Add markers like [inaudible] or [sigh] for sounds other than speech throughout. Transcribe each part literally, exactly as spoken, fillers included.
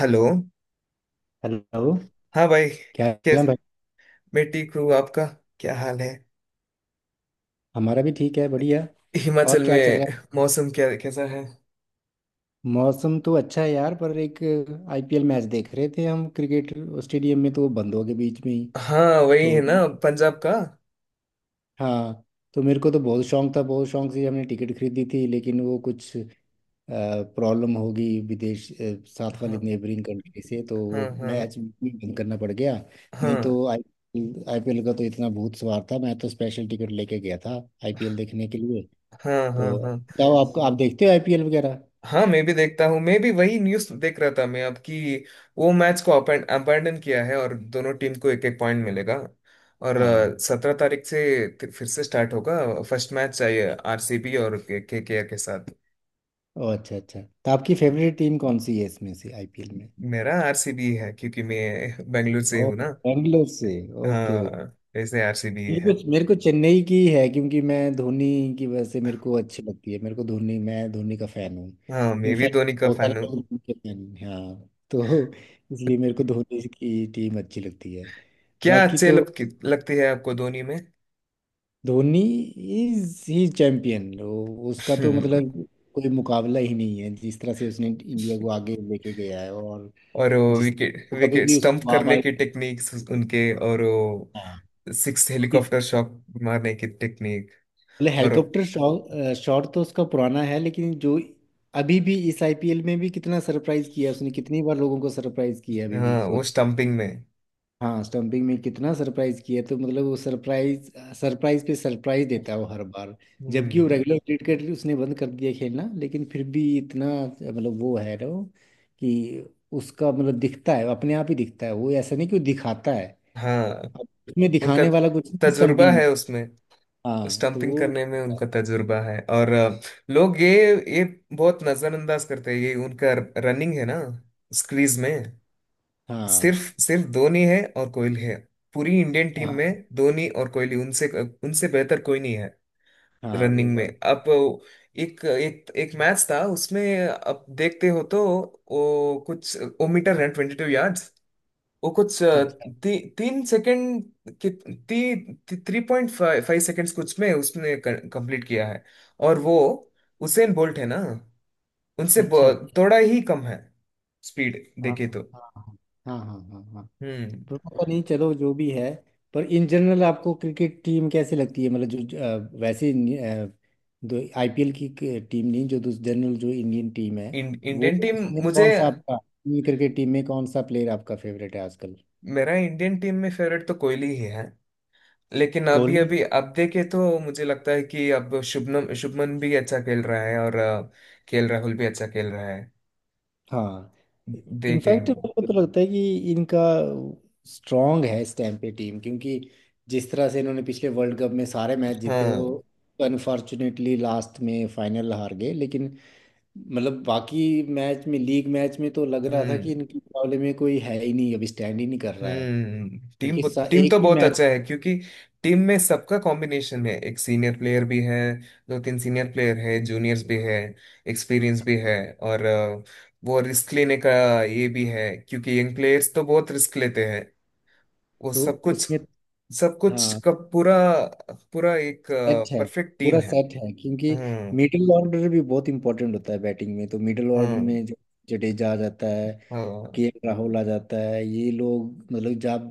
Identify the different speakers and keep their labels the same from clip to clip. Speaker 1: Hello.
Speaker 2: Hello.
Speaker 1: हाँ भाई।
Speaker 2: क्या हाल
Speaker 1: कैस
Speaker 2: है भाई?
Speaker 1: मैं ठीक हूँ। आपका क्या हाल है
Speaker 2: हमारा भी ठीक है, बढ़िया। और
Speaker 1: हिमाचल में?
Speaker 2: क्या चल रहा
Speaker 1: मौसम क्या कैसा है?
Speaker 2: है? मौसम तो अच्छा है यार, पर एक आईपीएल मैच देख रहे थे हम, क्रिकेट स्टेडियम में, तो वो बंद हो गए बीच में ही।
Speaker 1: हाँ वही है
Speaker 2: तो,
Speaker 1: ना, पंजाब का।
Speaker 2: हाँ। तो मेरे को तो बहुत शौक था, बहुत शौक से हमने टिकट खरीदी थी, लेकिन वो कुछ प्रॉब्लम होगी, विदेश अ, साथ वाली
Speaker 1: हाँ।
Speaker 2: नेबरिंग कंट्री से, तो वो
Speaker 1: हाँ। हाँ।
Speaker 2: मैच भी बंद करना पड़ गया। नहीं
Speaker 1: हाँ।
Speaker 2: तो आई आईपीएल का तो इतना भूत सवार था, मैं तो स्पेशल टिकट लेके गया था आईपीएल देखने के लिए।
Speaker 1: हाँ। हाँ।
Speaker 2: तो
Speaker 1: हाँ।
Speaker 2: बताओ, आपको आप देखते हो आईपीएल वगैरह?
Speaker 1: हाँ मैं भी देखता हूँ। मैं भी वही न्यूज़ देख रहा था मैं, अब कि वो मैच को अबैंडन किया है और दोनों टीम को एक एक पॉइंट मिलेगा। और
Speaker 2: हाँ।
Speaker 1: सत्रह तारीख से फिर फिर से स्टार्ट होगा। फर्स्ट मैच चाहिए आर सी बी और के के आर के साथ।
Speaker 2: ओ, अच्छा अच्छा। तो आपकी फेवरेट टीम कौन सी है इसमें से, आईपीएल में?
Speaker 1: मेरा आर सी बी है क्योंकि मैं [laughs] बेंगलुरु से हूँ
Speaker 2: ओह,
Speaker 1: ना।
Speaker 2: बेंगलोर से। ओके
Speaker 1: हाँ
Speaker 2: ओके।
Speaker 1: वैसे आर सी बी
Speaker 2: मेरे
Speaker 1: है।
Speaker 2: को मेरे को चेन्नई की है, क्योंकि मैं धोनी की वजह से मेरे को अच्छी लगती है, मेरे को धोनी, मैं धोनी का फैन हूँ।
Speaker 1: हाँ मैं भी
Speaker 2: इनफैक्ट
Speaker 1: धोनी का
Speaker 2: बहुत सारे
Speaker 1: फैन
Speaker 2: लोग
Speaker 1: हूँ।
Speaker 2: धोनी के फैन हैं। हाँ, तो [laughs] इसलिए मेरे को धोनी की टीम अच्छी लगती है।
Speaker 1: क्या
Speaker 2: बाकी
Speaker 1: अच्छे
Speaker 2: तो,
Speaker 1: लग, लगती है आपको धोनी में?
Speaker 2: धोनी इज ही चैम्पियन,
Speaker 1: [laughs]
Speaker 2: उसका तो
Speaker 1: हम्म।
Speaker 2: मतलब कोई मुकाबला ही नहीं है, जिस तरह से उसने इंडिया को आगे लेके गया है, और
Speaker 1: और वो
Speaker 2: जिस,
Speaker 1: विकेट
Speaker 2: कभी
Speaker 1: विकेट
Speaker 2: भी उसकी
Speaker 1: स्टंप करने
Speaker 2: वाहवाही।
Speaker 1: की टेक्निक्स उनके, और वो
Speaker 2: हाँ।
Speaker 1: सिक्स हेलीकॉप्टर शॉट मारने की टेक्निक,
Speaker 2: मतलब
Speaker 1: और वो-
Speaker 2: हेलीकॉप्टर शॉट शॉट तो उसका पुराना है, लेकिन जो अभी भी इस आईपीएल में भी कितना सरप्राइज किया उसने, कितनी बार लोगों को सरप्राइज किया अभी भी,
Speaker 1: हाँ वो
Speaker 2: सोचो।
Speaker 1: स्टंपिंग में।
Speaker 2: हाँ, स्टंपिंग में कितना सरप्राइज किया, तो मतलब वो सरप्राइज सरप्राइज पे सरप्राइज देता है वो हर बार। जबकि वो
Speaker 1: हम्म।
Speaker 2: रेगुलर क्रिकेट उसने बंद कर दिया खेलना, लेकिन फिर भी इतना, मतलब वो है ना, वो कि उसका मतलब दिखता है, अपने आप ही दिखता है, वो ऐसा नहीं कि वो दिखाता है।
Speaker 1: हाँ
Speaker 2: अब उसमें
Speaker 1: उनका
Speaker 2: दिखाने वाला कुछ नहीं
Speaker 1: तजुर्बा
Speaker 2: स्टंपिंग में।
Speaker 1: है उसमें।
Speaker 2: हाँ, तो
Speaker 1: स्टंपिंग
Speaker 2: वो,
Speaker 1: करने में उनका तजुर्बा है और अ, लोग ये ये बहुत नजरअंदाज करते हैं, ये उनका रनिंग है ना, स्क्रीज में।
Speaker 2: हाँ
Speaker 1: सिर्फ सिर्फ धोनी है और कोहली है पूरी इंडियन टीम
Speaker 2: हाँ
Speaker 1: में। धोनी और कोहली, उनसे उनसे बेहतर कोई नहीं है
Speaker 2: हाँ, वो
Speaker 1: रनिंग में।
Speaker 2: बात,
Speaker 1: अब एक एक एक मैच था उसमें, अब देखते हो तो वो कुछ वो metre run, twenty two yards, वो कुछ अ,
Speaker 2: अच्छा
Speaker 1: ती, तीन सेकंड की, ती, ती, three point five five seconds कुछ में उसने कंप्लीट किया है, और वो उसेन बोल्ट है ना, उनसे
Speaker 2: अच्छा अच्छा,
Speaker 1: ब- थोड़ा ही कम है स्पीड
Speaker 2: हाँ
Speaker 1: देखे
Speaker 2: हाँ
Speaker 1: तो।
Speaker 2: हाँ हाँ हाँ हाँ हाँ।
Speaker 1: हम्म।
Speaker 2: पर पता नहीं, चलो, जो भी है। पर इन जनरल आपको क्रिकेट टीम कैसी लगती है, मतलब जो अ, वैसे इंडि- अ, दो आईपीएल की टीम नहीं, जो जनरल, जो इंडियन टीम है,
Speaker 1: इं-
Speaker 2: वो
Speaker 1: इंडियन टीम।
Speaker 2: उसमें
Speaker 1: मुझे,
Speaker 2: कौन सा आपका, क्रिकेट टीम में कौन सा प्लेयर आपका फेवरेट है आजकल?
Speaker 1: मेरा इंडियन टीम में फेवरेट तो कोहली ही है, लेकिन अभी
Speaker 2: कोहली।
Speaker 1: अभी अब देखे तो मुझे लगता है कि अब शुभमन शुभमन भी अच्छा खेल रहा है, और अ, के एल राहुल भी अच्छा खेल रहा है।
Speaker 2: हाँ, इनफैक्ट
Speaker 1: देखेंगे।
Speaker 2: मेरे को तो लगता है कि इनका स्ट्रांग है इस टाइम पे टीम, क्योंकि जिस तरह से इन्होंने पिछले वर्ल्ड कप में सारे मैच जीते,
Speaker 1: हाँ।
Speaker 2: वो अनफॉर्चुनेटली लास्ट में फाइनल हार गए, लेकिन मतलब बाकी मैच में, लीग मैच में तो लग रहा था कि
Speaker 1: हम्म।
Speaker 2: इनके मुकाबले में कोई है ही नहीं, अभी स्टैंड ही नहीं कर रहा है,
Speaker 1: हम्म टीम,
Speaker 2: क्योंकि सा-
Speaker 1: टीम
Speaker 2: एक
Speaker 1: तो
Speaker 2: ही
Speaker 1: बहुत
Speaker 2: मैच
Speaker 1: अच्छा है, क्योंकि टीम में सबका कॉम्बिनेशन है, एक सीनियर प्लेयर भी है, दो तीन सीनियर प्लेयर है, जूनियर्स भी है, एक्सपीरियंस भी
Speaker 2: था,
Speaker 1: है, और अ, वो रिस्क लेने का ये भी है, क्योंकि यंग प्लेयर्स तो बहुत रिस्क लेते हैं। वो
Speaker 2: तो
Speaker 1: सब कुछ
Speaker 2: उसमें,
Speaker 1: सब कुछ
Speaker 2: हाँ,
Speaker 1: का पूरा पूरा एक
Speaker 2: सेट है,
Speaker 1: परफेक्ट टीम
Speaker 2: पूरा
Speaker 1: है।
Speaker 2: सेट है, क्योंकि
Speaker 1: हम्म।
Speaker 2: मिडिल ऑर्डर भी बहुत इंपॉर्टेंट होता है बैटिंग में, तो मिडिल ऑर्डर
Speaker 1: हम्म।
Speaker 2: में जो जडेजा आ जाता है,
Speaker 1: हाँ।
Speaker 2: के एल राहुल आ जाता है, ये लोग मतलब जब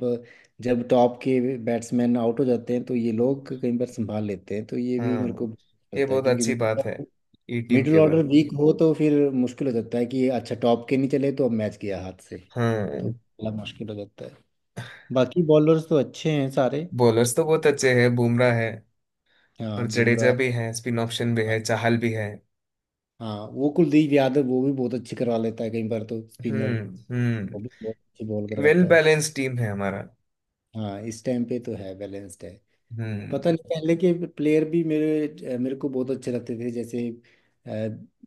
Speaker 2: जब टॉप के बैट्समैन आउट हो जाते हैं तो ये लोग कई बार संभाल लेते हैं, तो ये भी मेरे
Speaker 1: हाँ
Speaker 2: को
Speaker 1: ये
Speaker 2: लगता है,
Speaker 1: बहुत अच्छी बात है
Speaker 2: क्योंकि
Speaker 1: ये टीम
Speaker 2: मिडिल
Speaker 1: के बारे
Speaker 2: ऑर्डर
Speaker 1: में।
Speaker 2: वीक हो तो फिर मुश्किल हो जाता है कि अच्छा टॉप के नहीं चले तो अब मैच गया हाथ से, तो
Speaker 1: हाँ
Speaker 2: बड़ा मुश्किल हो जाता है। बाकी बॉलर्स तो अच्छे हैं सारे।
Speaker 1: बॉलर्स तो बहुत अच्छे हैं, बुमराह है,
Speaker 2: हाँ,
Speaker 1: और जडेजा
Speaker 2: बुमराह।
Speaker 1: भी है, स्पिन ऑप्शन भी
Speaker 2: हाँ
Speaker 1: है, चाहल भी है।
Speaker 2: हाँ, वो कुलदीप यादव, वो भी बहुत अच्छी करवा लेता है कई बार तो, स्पिनर,
Speaker 1: हम्म। हम्म।
Speaker 2: वो भी बहुत अच्छी बॉल
Speaker 1: वेल
Speaker 2: करवाता है।
Speaker 1: बैलेंस टीम है हमारा।
Speaker 2: हाँ, इस टाइम पे तो है, बैलेंस्ड है।
Speaker 1: हम्म।
Speaker 2: पता नहीं, पहले के प्लेयर भी मेरे मेरे को बहुत अच्छे लगते थे, जैसे अ,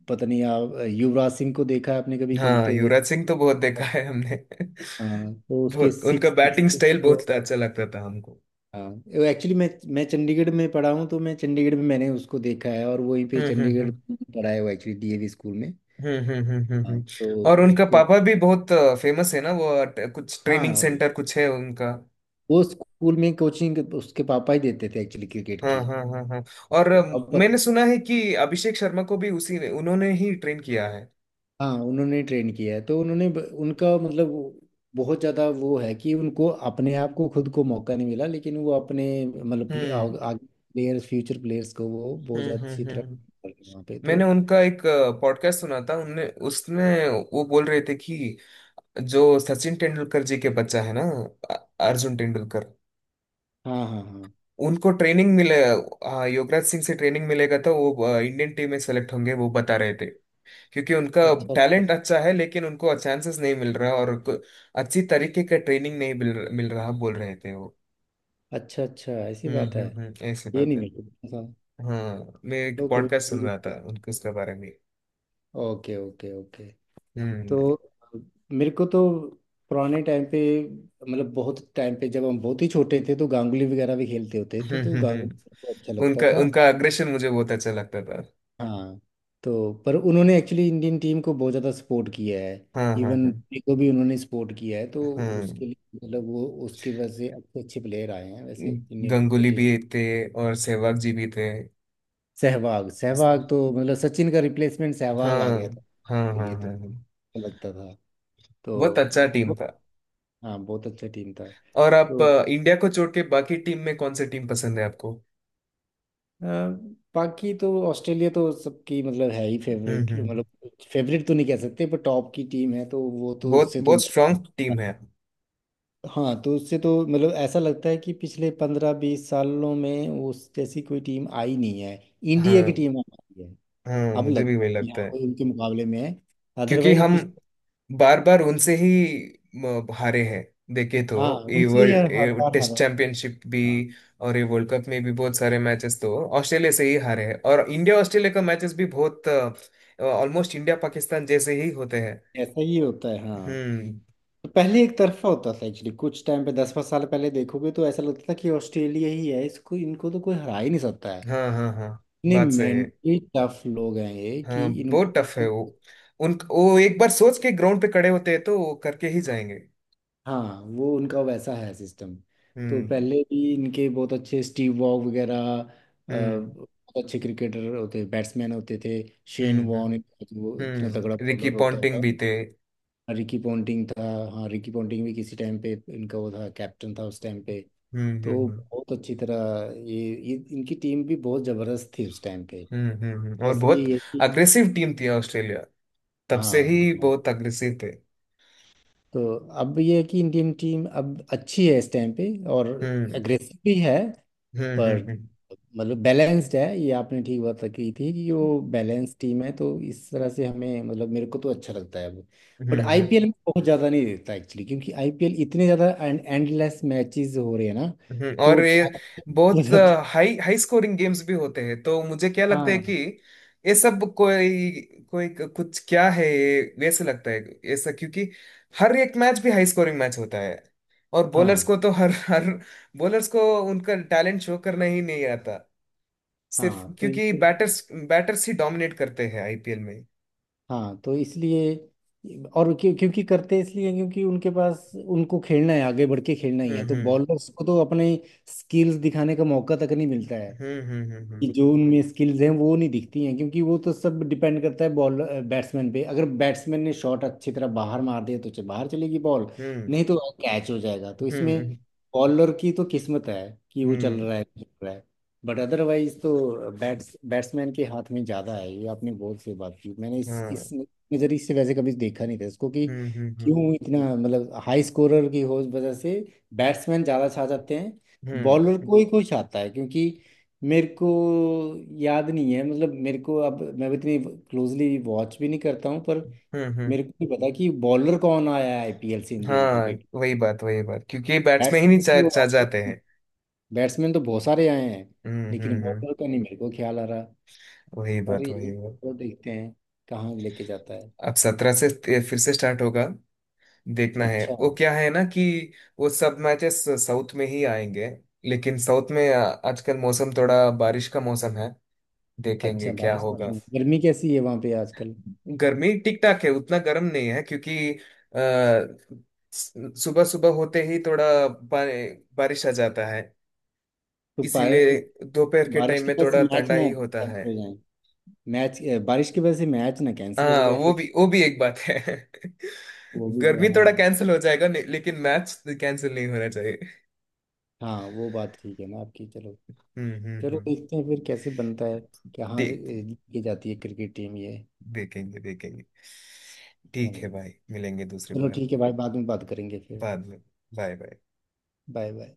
Speaker 2: पता नहीं, आप युवराज सिंह को देखा है आपने कभी
Speaker 1: हाँ
Speaker 2: खेलते हुए?
Speaker 1: युवराज सिंह तो बहुत देखा है हमने। [laughs]
Speaker 2: हाँ, तो उसके
Speaker 1: बहुत, उनका
Speaker 2: सिक्स सिक्स।
Speaker 1: बैटिंग स्टाइल बहुत अच्छा लगता था हमको।
Speaker 2: हाँ, एक्चुअली मैं मैं चंडीगढ़ में पढ़ा हूँ, तो मैं चंडीगढ़ में मैंने उसको देखा है, और वहीं पे
Speaker 1: हम्म। हम्म।
Speaker 2: चंडीगढ़
Speaker 1: हम्म।
Speaker 2: में पढ़ा है वो एक्चुअली, डीएवी स्कूल में।
Speaker 1: हम्म। हम्म। हम्म। हम्म, हम्म।
Speaker 2: हाँ,
Speaker 1: हम्म।
Speaker 2: तो
Speaker 1: और उनका
Speaker 2: उसको,
Speaker 1: पापा भी बहुत फेमस है ना, वो ट- कुछ ट्रेनिंग
Speaker 2: हाँ,
Speaker 1: सेंटर कुछ है उनका।
Speaker 2: वो स्कूल में कोचिंग उसके पापा ही देते थे एक्चुअली, क्रिकेट
Speaker 1: हाँ।
Speaker 2: की।
Speaker 1: हाँ। हाँ। हाँ। और
Speaker 2: तो
Speaker 1: अ,
Speaker 2: अब,
Speaker 1: मैंने सुना है कि अभिषेक शर्मा को भी उसी ने, उन्होंने ही ट्रेन किया है।
Speaker 2: हाँ, उन्होंने ट्रेन किया है तो उन्होंने ब- उनका मतलब वो- बहुत ज़्यादा वो है कि उनको अपने आप को, खुद को मौका नहीं मिला, लेकिन वो अपने मतलब प्ले-
Speaker 1: हम्म।
Speaker 2: आग- आगे प्लेयर्स, फ्यूचर प्लेयर्स को वो बहुत
Speaker 1: हम्म।
Speaker 2: ज़्यादा अच्छी
Speaker 1: हम्म।
Speaker 2: तरह
Speaker 1: हम्म।
Speaker 2: कर रहे हैं वहाँ पे, तो
Speaker 1: मैंने उनका एक पॉडकास्ट सुना था उनने, उसमें वो बोल रहे थे कि जो सचिन तेंदुलकर जी के बच्चा है ना, अ- अर्जुन तेंदुलकर,
Speaker 2: हाँ हाँ हाँ।
Speaker 1: उनको ट्रेनिंग मिले हाँ, युवराज सिंह से ट्रेनिंग मिलेगा तो वो अ, इंडियन टीम में सेलेक्ट होंगे, वो बता रहे थे। क्योंकि उनका
Speaker 2: अच्छा अच्छा
Speaker 1: टैलेंट अच्छा है, लेकिन उनको चांसेस नहीं मिल रहा, और को- अच्छी तरीके का ट्रेनिंग नहीं मिल मिल रहा, बोल रहे थे वो।
Speaker 2: अच्छा अच्छा, ऐसी
Speaker 1: हम्म।
Speaker 2: बात है?
Speaker 1: हम्म। हम्म ऐसी
Speaker 2: ये
Speaker 1: बात
Speaker 2: नहीं
Speaker 1: है।
Speaker 2: मेरे को पता था।
Speaker 1: हाँ मैं एक
Speaker 2: चलो, कोई,
Speaker 1: पॉडकास्ट सुन रहा था उनके, उसके बारे में।
Speaker 2: Okay okay okay.
Speaker 1: हम्म।
Speaker 2: तो मेरे को तो, पुराने टाइम पे, मतलब बहुत टाइम पे, जब हम बहुत ही छोटे थे, तो गांगुली वगैरह भी खेलते
Speaker 1: [laughs]
Speaker 2: होते थे,
Speaker 1: हम्म।
Speaker 2: तो
Speaker 1: हम्म,
Speaker 2: गांगुली मेरे
Speaker 1: हम्म।
Speaker 2: को अच्छा लगता
Speaker 1: उनका,
Speaker 2: था।
Speaker 1: उनका अग्रेशन मुझे बहुत अच्छा लगता था।
Speaker 2: हाँ, तो पर उन्होंने एक्चुअली इंडियन टीम को बहुत ज़्यादा सपोर्ट किया है,
Speaker 1: हाँ। हाँ।
Speaker 2: इवन
Speaker 1: हाँ।
Speaker 2: धोनी को भी उन्होंने सपोर्ट किया है, तो
Speaker 1: हाँ।
Speaker 2: उसके लिए मतलब वो, उसके वजह से अच्छे अच्छे प्लेयर आए हैं वैसे इंडियन क्रिकेट
Speaker 1: गंगुली
Speaker 2: टीम।
Speaker 1: भी थे, और सहवाग जी भी थे।
Speaker 2: सहवाग, सहवाग तो मतलब सचिन का रिप्लेसमेंट सहवाग
Speaker 1: हाँ।
Speaker 2: आ गया था
Speaker 1: हाँ।
Speaker 2: के
Speaker 1: हाँ।
Speaker 2: लिए, तो
Speaker 1: हाँ। हाँ।
Speaker 2: अच्छा लगता था।
Speaker 1: बहुत
Speaker 2: तो
Speaker 1: अच्छा टीम
Speaker 2: बहुत-
Speaker 1: था।
Speaker 2: हाँ, बहुत अच्छा टीम था।
Speaker 1: और आप
Speaker 2: तो
Speaker 1: अ, इंडिया को छोड़ के बाकी टीम में कौन सी टीम पसंद है आपको?
Speaker 2: अ, बाकी तो ऑस्ट्रेलिया तो सबकी मतलब है ही
Speaker 1: हम्म।
Speaker 2: फेवरेट,
Speaker 1: हम्म।
Speaker 2: मतलब फेवरेट तो नहीं कह सकते, पर टॉप की टीम है, तो वो, तो
Speaker 1: बहुत,
Speaker 2: उससे तो,
Speaker 1: बहुत स्ट्रांग टीम है।
Speaker 2: हाँ, तो उससे तो मतलब ऐसा लगता है कि पिछले पंद्रह बीस सालों में उस जैसी कोई टीम आई नहीं है,
Speaker 1: हाँ।
Speaker 2: इंडिया की टीम आई है।
Speaker 1: हाँ
Speaker 2: अब
Speaker 1: मुझे भी
Speaker 2: लगता है
Speaker 1: वही
Speaker 2: कि
Speaker 1: लगता
Speaker 2: हाँ,
Speaker 1: है।
Speaker 2: कोई उनके मुकाबले में है।
Speaker 1: क्योंकि
Speaker 2: अदरवाइज
Speaker 1: हम
Speaker 2: पिछले,
Speaker 1: बार बार उनसे ही म, हारे हैं देखे तो।
Speaker 2: हाँ,
Speaker 1: ये
Speaker 2: उनसे ही हर हर
Speaker 1: वर्ल्ड
Speaker 2: बार हारा
Speaker 1: टेस्ट
Speaker 2: है।
Speaker 1: चैंपियनशिप भी,
Speaker 2: हाँ,
Speaker 1: और ये वर्ल्ड कप में भी बहुत सारे मैचेस तो ऑस्ट्रेलिया से ही हारे हैं, और इंडिया ऑस्ट्रेलिया का मैचेस भी बहुत ऑलमोस्ट इंडिया पाकिस्तान जैसे ही होते हैं।
Speaker 2: ऐसा ही होता है, हाँ।
Speaker 1: हम्म।
Speaker 2: तो पहले एक तरफा होता था एक्चुअली, कुछ टाइम पे, दस पाँच साल पहले देखोगे तो ऐसा लगता था कि ऑस्ट्रेलिया ही है, इसको इनको तो कोई हरा ही नहीं सकता है,
Speaker 1: हाँ। हाँ। हाँ
Speaker 2: इतने
Speaker 1: बात सही है।
Speaker 2: मेंटली टफ लोग हैं ये कि
Speaker 1: हाँ
Speaker 2: इनको,
Speaker 1: बहुत टफ है वो, उन, वो एक बार सोच के ग्राउंड पे खड़े होते हैं तो वो करके ही जाएंगे।
Speaker 2: हाँ, वो उनका वैसा है सिस्टम। तो
Speaker 1: हम्म।
Speaker 2: पहले भी इनके बहुत अच्छे स्टीव वॉग वगैरह अ,
Speaker 1: हम्म।
Speaker 2: बहुत अच्छे क्रिकेटर होते, बैट्समैन होते थे।
Speaker 1: हम्म।
Speaker 2: शेन
Speaker 1: हम्म।
Speaker 2: वॉर्न, वो इतना तगड़ा
Speaker 1: हम्म रिकी
Speaker 2: बॉलर होता
Speaker 1: पॉन्टिंग
Speaker 2: था।
Speaker 1: भी थे।
Speaker 2: रिकी पोंटिंग था। हाँ, रिकी पोंटिंग भी किसी टाइम पे इनका वो था, कैप्टन था उस टाइम पे।
Speaker 1: हम्म। हम्म।
Speaker 2: तो
Speaker 1: हम्म।
Speaker 2: बहुत अच्छी तरह ये, ये इनकी टीम भी बहुत जबरदस्त थी उस टाइम पे।
Speaker 1: हम्म। हम्म। हम्म। और
Speaker 2: बस
Speaker 1: बहुत
Speaker 2: ये है कि,
Speaker 1: अग्रेसिव टीम थी ऑस्ट्रेलिया, तब
Speaker 2: हाँ
Speaker 1: से ही
Speaker 2: हाँ।
Speaker 1: बहुत अग्रेसिव थे।
Speaker 2: तो अब ये है कि इंडियन टीम अब अच्छी है इस टाइम पे, और
Speaker 1: हम्म।
Speaker 2: अग्रेसिव भी है।
Speaker 1: हम्म। हम्म।
Speaker 2: पर
Speaker 1: हम्म।
Speaker 2: मतलब बैलेंस्ड है, ये आपने ठीक बात रखी थी कि वो बैलेंस टीम है, तो इस तरह से हमें मतलब मेरे को तो अच्छा लगता है वो। बट
Speaker 1: हम्म।
Speaker 2: आईपीएल में बहुत ज़्यादा नहीं देता एक्चुअली, क्योंकि आईपीएल इतने ज़्यादा एंडलेस मैचेस हो रहे हैं ना,
Speaker 1: हम्म। हम्म। और
Speaker 2: तो
Speaker 1: ये
Speaker 2: track हो
Speaker 1: बहुत
Speaker 2: जाता है।
Speaker 1: हाई हाई स्कोरिंग गेम्स भी होते हैं तो मुझे क्या लगता है कि
Speaker 2: हाँ
Speaker 1: ये सब कोई, कोई कुछ क्या है ये वैसे लगता है ऐसा, क्योंकि हर एक मैच भी हाई स्कोरिंग मैच होता है, और बॉलर्स
Speaker 2: हाँ
Speaker 1: को तो हर हर बॉलर्स को उनका टैलेंट शो करना ही नहीं आता, सिर्फ
Speaker 2: हाँ, तो ये-
Speaker 1: क्योंकि बैटर्स बैटर्स ही डोमिनेट करते हैं आई पी एल में।
Speaker 2: हाँ, तो इसलिए, और क्यों क्योंकि करते हैं इसलिए हैं, क्योंकि उनके पास उनको खेलना है, आगे बढ़ के खेलना ही
Speaker 1: हम्म।
Speaker 2: है, तो
Speaker 1: हम्म।
Speaker 2: बॉलर्स को तो अपने स्किल्स दिखाने का मौका तक नहीं मिलता है,
Speaker 1: हम्म। हम्म।
Speaker 2: कि जो उनमें स्किल्स हैं वो नहीं दिखती हैं, क्योंकि वो तो सब डिपेंड करता है बॉल बैट्समैन पे, अगर बैट्समैन ने शॉट अच्छी तरह बाहर मार दिया तो च- बाहर चलेगी बॉल,
Speaker 1: हम्म।
Speaker 2: नहीं तो कैच हो जाएगा, तो
Speaker 1: हम्म।
Speaker 2: इसमें
Speaker 1: हम्म।
Speaker 2: बॉलर की तो किस्मत है कि वो चल
Speaker 1: हम्म।
Speaker 2: रहा है, चल रहा है। बट अदरवाइज तो बैट्स बैट्समैन के हाथ में ज़्यादा है, ये आपने बहुत सही बात की, मैंने इस इस
Speaker 1: हाँ।
Speaker 2: नज़रिए से वैसे कभी देखा नहीं था इसको, कि
Speaker 1: हम्म। हम्म।
Speaker 2: क्यों इतना मतलब, हाई स्कोरर की हो वजह से बैट्समैन ज़्यादा छा जाते हैं, बॉलर
Speaker 1: हम्म।
Speaker 2: को ही कोई छाता है, क्योंकि मेरे को याद नहीं है, मतलब मेरे को, अब मैं इतनी क्लोजली वॉच भी नहीं करता हूँ, पर
Speaker 1: हम्म। हम्म।
Speaker 2: मेरे को नहीं पता कि बॉलर कौन आया है आईपीएल से इंडियन
Speaker 1: हाँ
Speaker 2: क्रिकेट।
Speaker 1: वही बात वही बात, क्योंकि बैट्समैन ही नहीं
Speaker 2: बैट्समैन
Speaker 1: चा,
Speaker 2: तो
Speaker 1: चा
Speaker 2: आते
Speaker 1: जाते
Speaker 2: हैं,
Speaker 1: हैं।
Speaker 2: बैट्समैन तो बहुत सारे आए हैं,
Speaker 1: हम्म। हम्म।
Speaker 2: लेकिन
Speaker 1: हम्म।
Speaker 2: बॉलर का नहीं मेरे को ख्याल आ रहा।
Speaker 1: वही
Speaker 2: पर
Speaker 1: बात वही
Speaker 2: यही
Speaker 1: बात।
Speaker 2: तो देखते हैं, कहाँ लेके जाता है।
Speaker 1: अब सत्रह से ते- फिर से स्टार्ट होगा। देखना है
Speaker 2: अच्छा,
Speaker 1: वो, क्या है ना कि वो सब मैचेस साउथ में ही आएंगे, लेकिन साउथ में आ- आजकल मौसम थोड़ा बारिश का मौसम है। देखेंगे
Speaker 2: अच्छा
Speaker 1: क्या
Speaker 2: बारिश का
Speaker 1: होगा।
Speaker 2: मौसम है। गर्मी कैसी है वहाँ पे आजकल?
Speaker 1: गर्मी ठीक ठाक है, उतना गर्म नहीं है क्योंकि सुबह सुबह होते ही थोड़ा बा- बारिश आ जाता है,
Speaker 2: तो पा-
Speaker 1: इसीलिए
Speaker 2: उस-
Speaker 1: दोपहर के
Speaker 2: बारिश
Speaker 1: टाइम
Speaker 2: की
Speaker 1: में
Speaker 2: वजह से
Speaker 1: थोड़ा
Speaker 2: मैच
Speaker 1: ठंडा
Speaker 2: ना
Speaker 1: ही होता है।
Speaker 2: कैंसिल हो जाए, मैच, बारिश की वजह से मैच ना कैंसिल हो
Speaker 1: हाँ
Speaker 2: जाए
Speaker 1: वो
Speaker 2: फिर।
Speaker 1: भी वो भी एक बात है। [laughs]
Speaker 2: वो भी,
Speaker 1: गर्मी
Speaker 2: हाँ
Speaker 1: थोड़ा कैंसिल हो जाएगा नहीं- लेकिन मैच कैंसिल नहीं होना चाहिए।
Speaker 2: हाँ, वो बात ठीक है ना आपकी, चलो।
Speaker 1: हम्म। हम्म।
Speaker 2: चलो
Speaker 1: हम्म।
Speaker 2: देखते हैं फिर कैसे बनता है, कहाँ से
Speaker 1: ठीक।
Speaker 2: ए, ये जाती है क्रिकेट टीम ये।
Speaker 1: देखेंगे देखेंगे।
Speaker 2: हाँ
Speaker 1: ठीक है
Speaker 2: जी।
Speaker 1: भाई मिलेंगे दूसरी
Speaker 2: चलो
Speaker 1: बार।
Speaker 2: ठीक है भाई, बाद में बात करेंगे फिर,
Speaker 1: बाद में बाय बाय।
Speaker 2: Bye bye.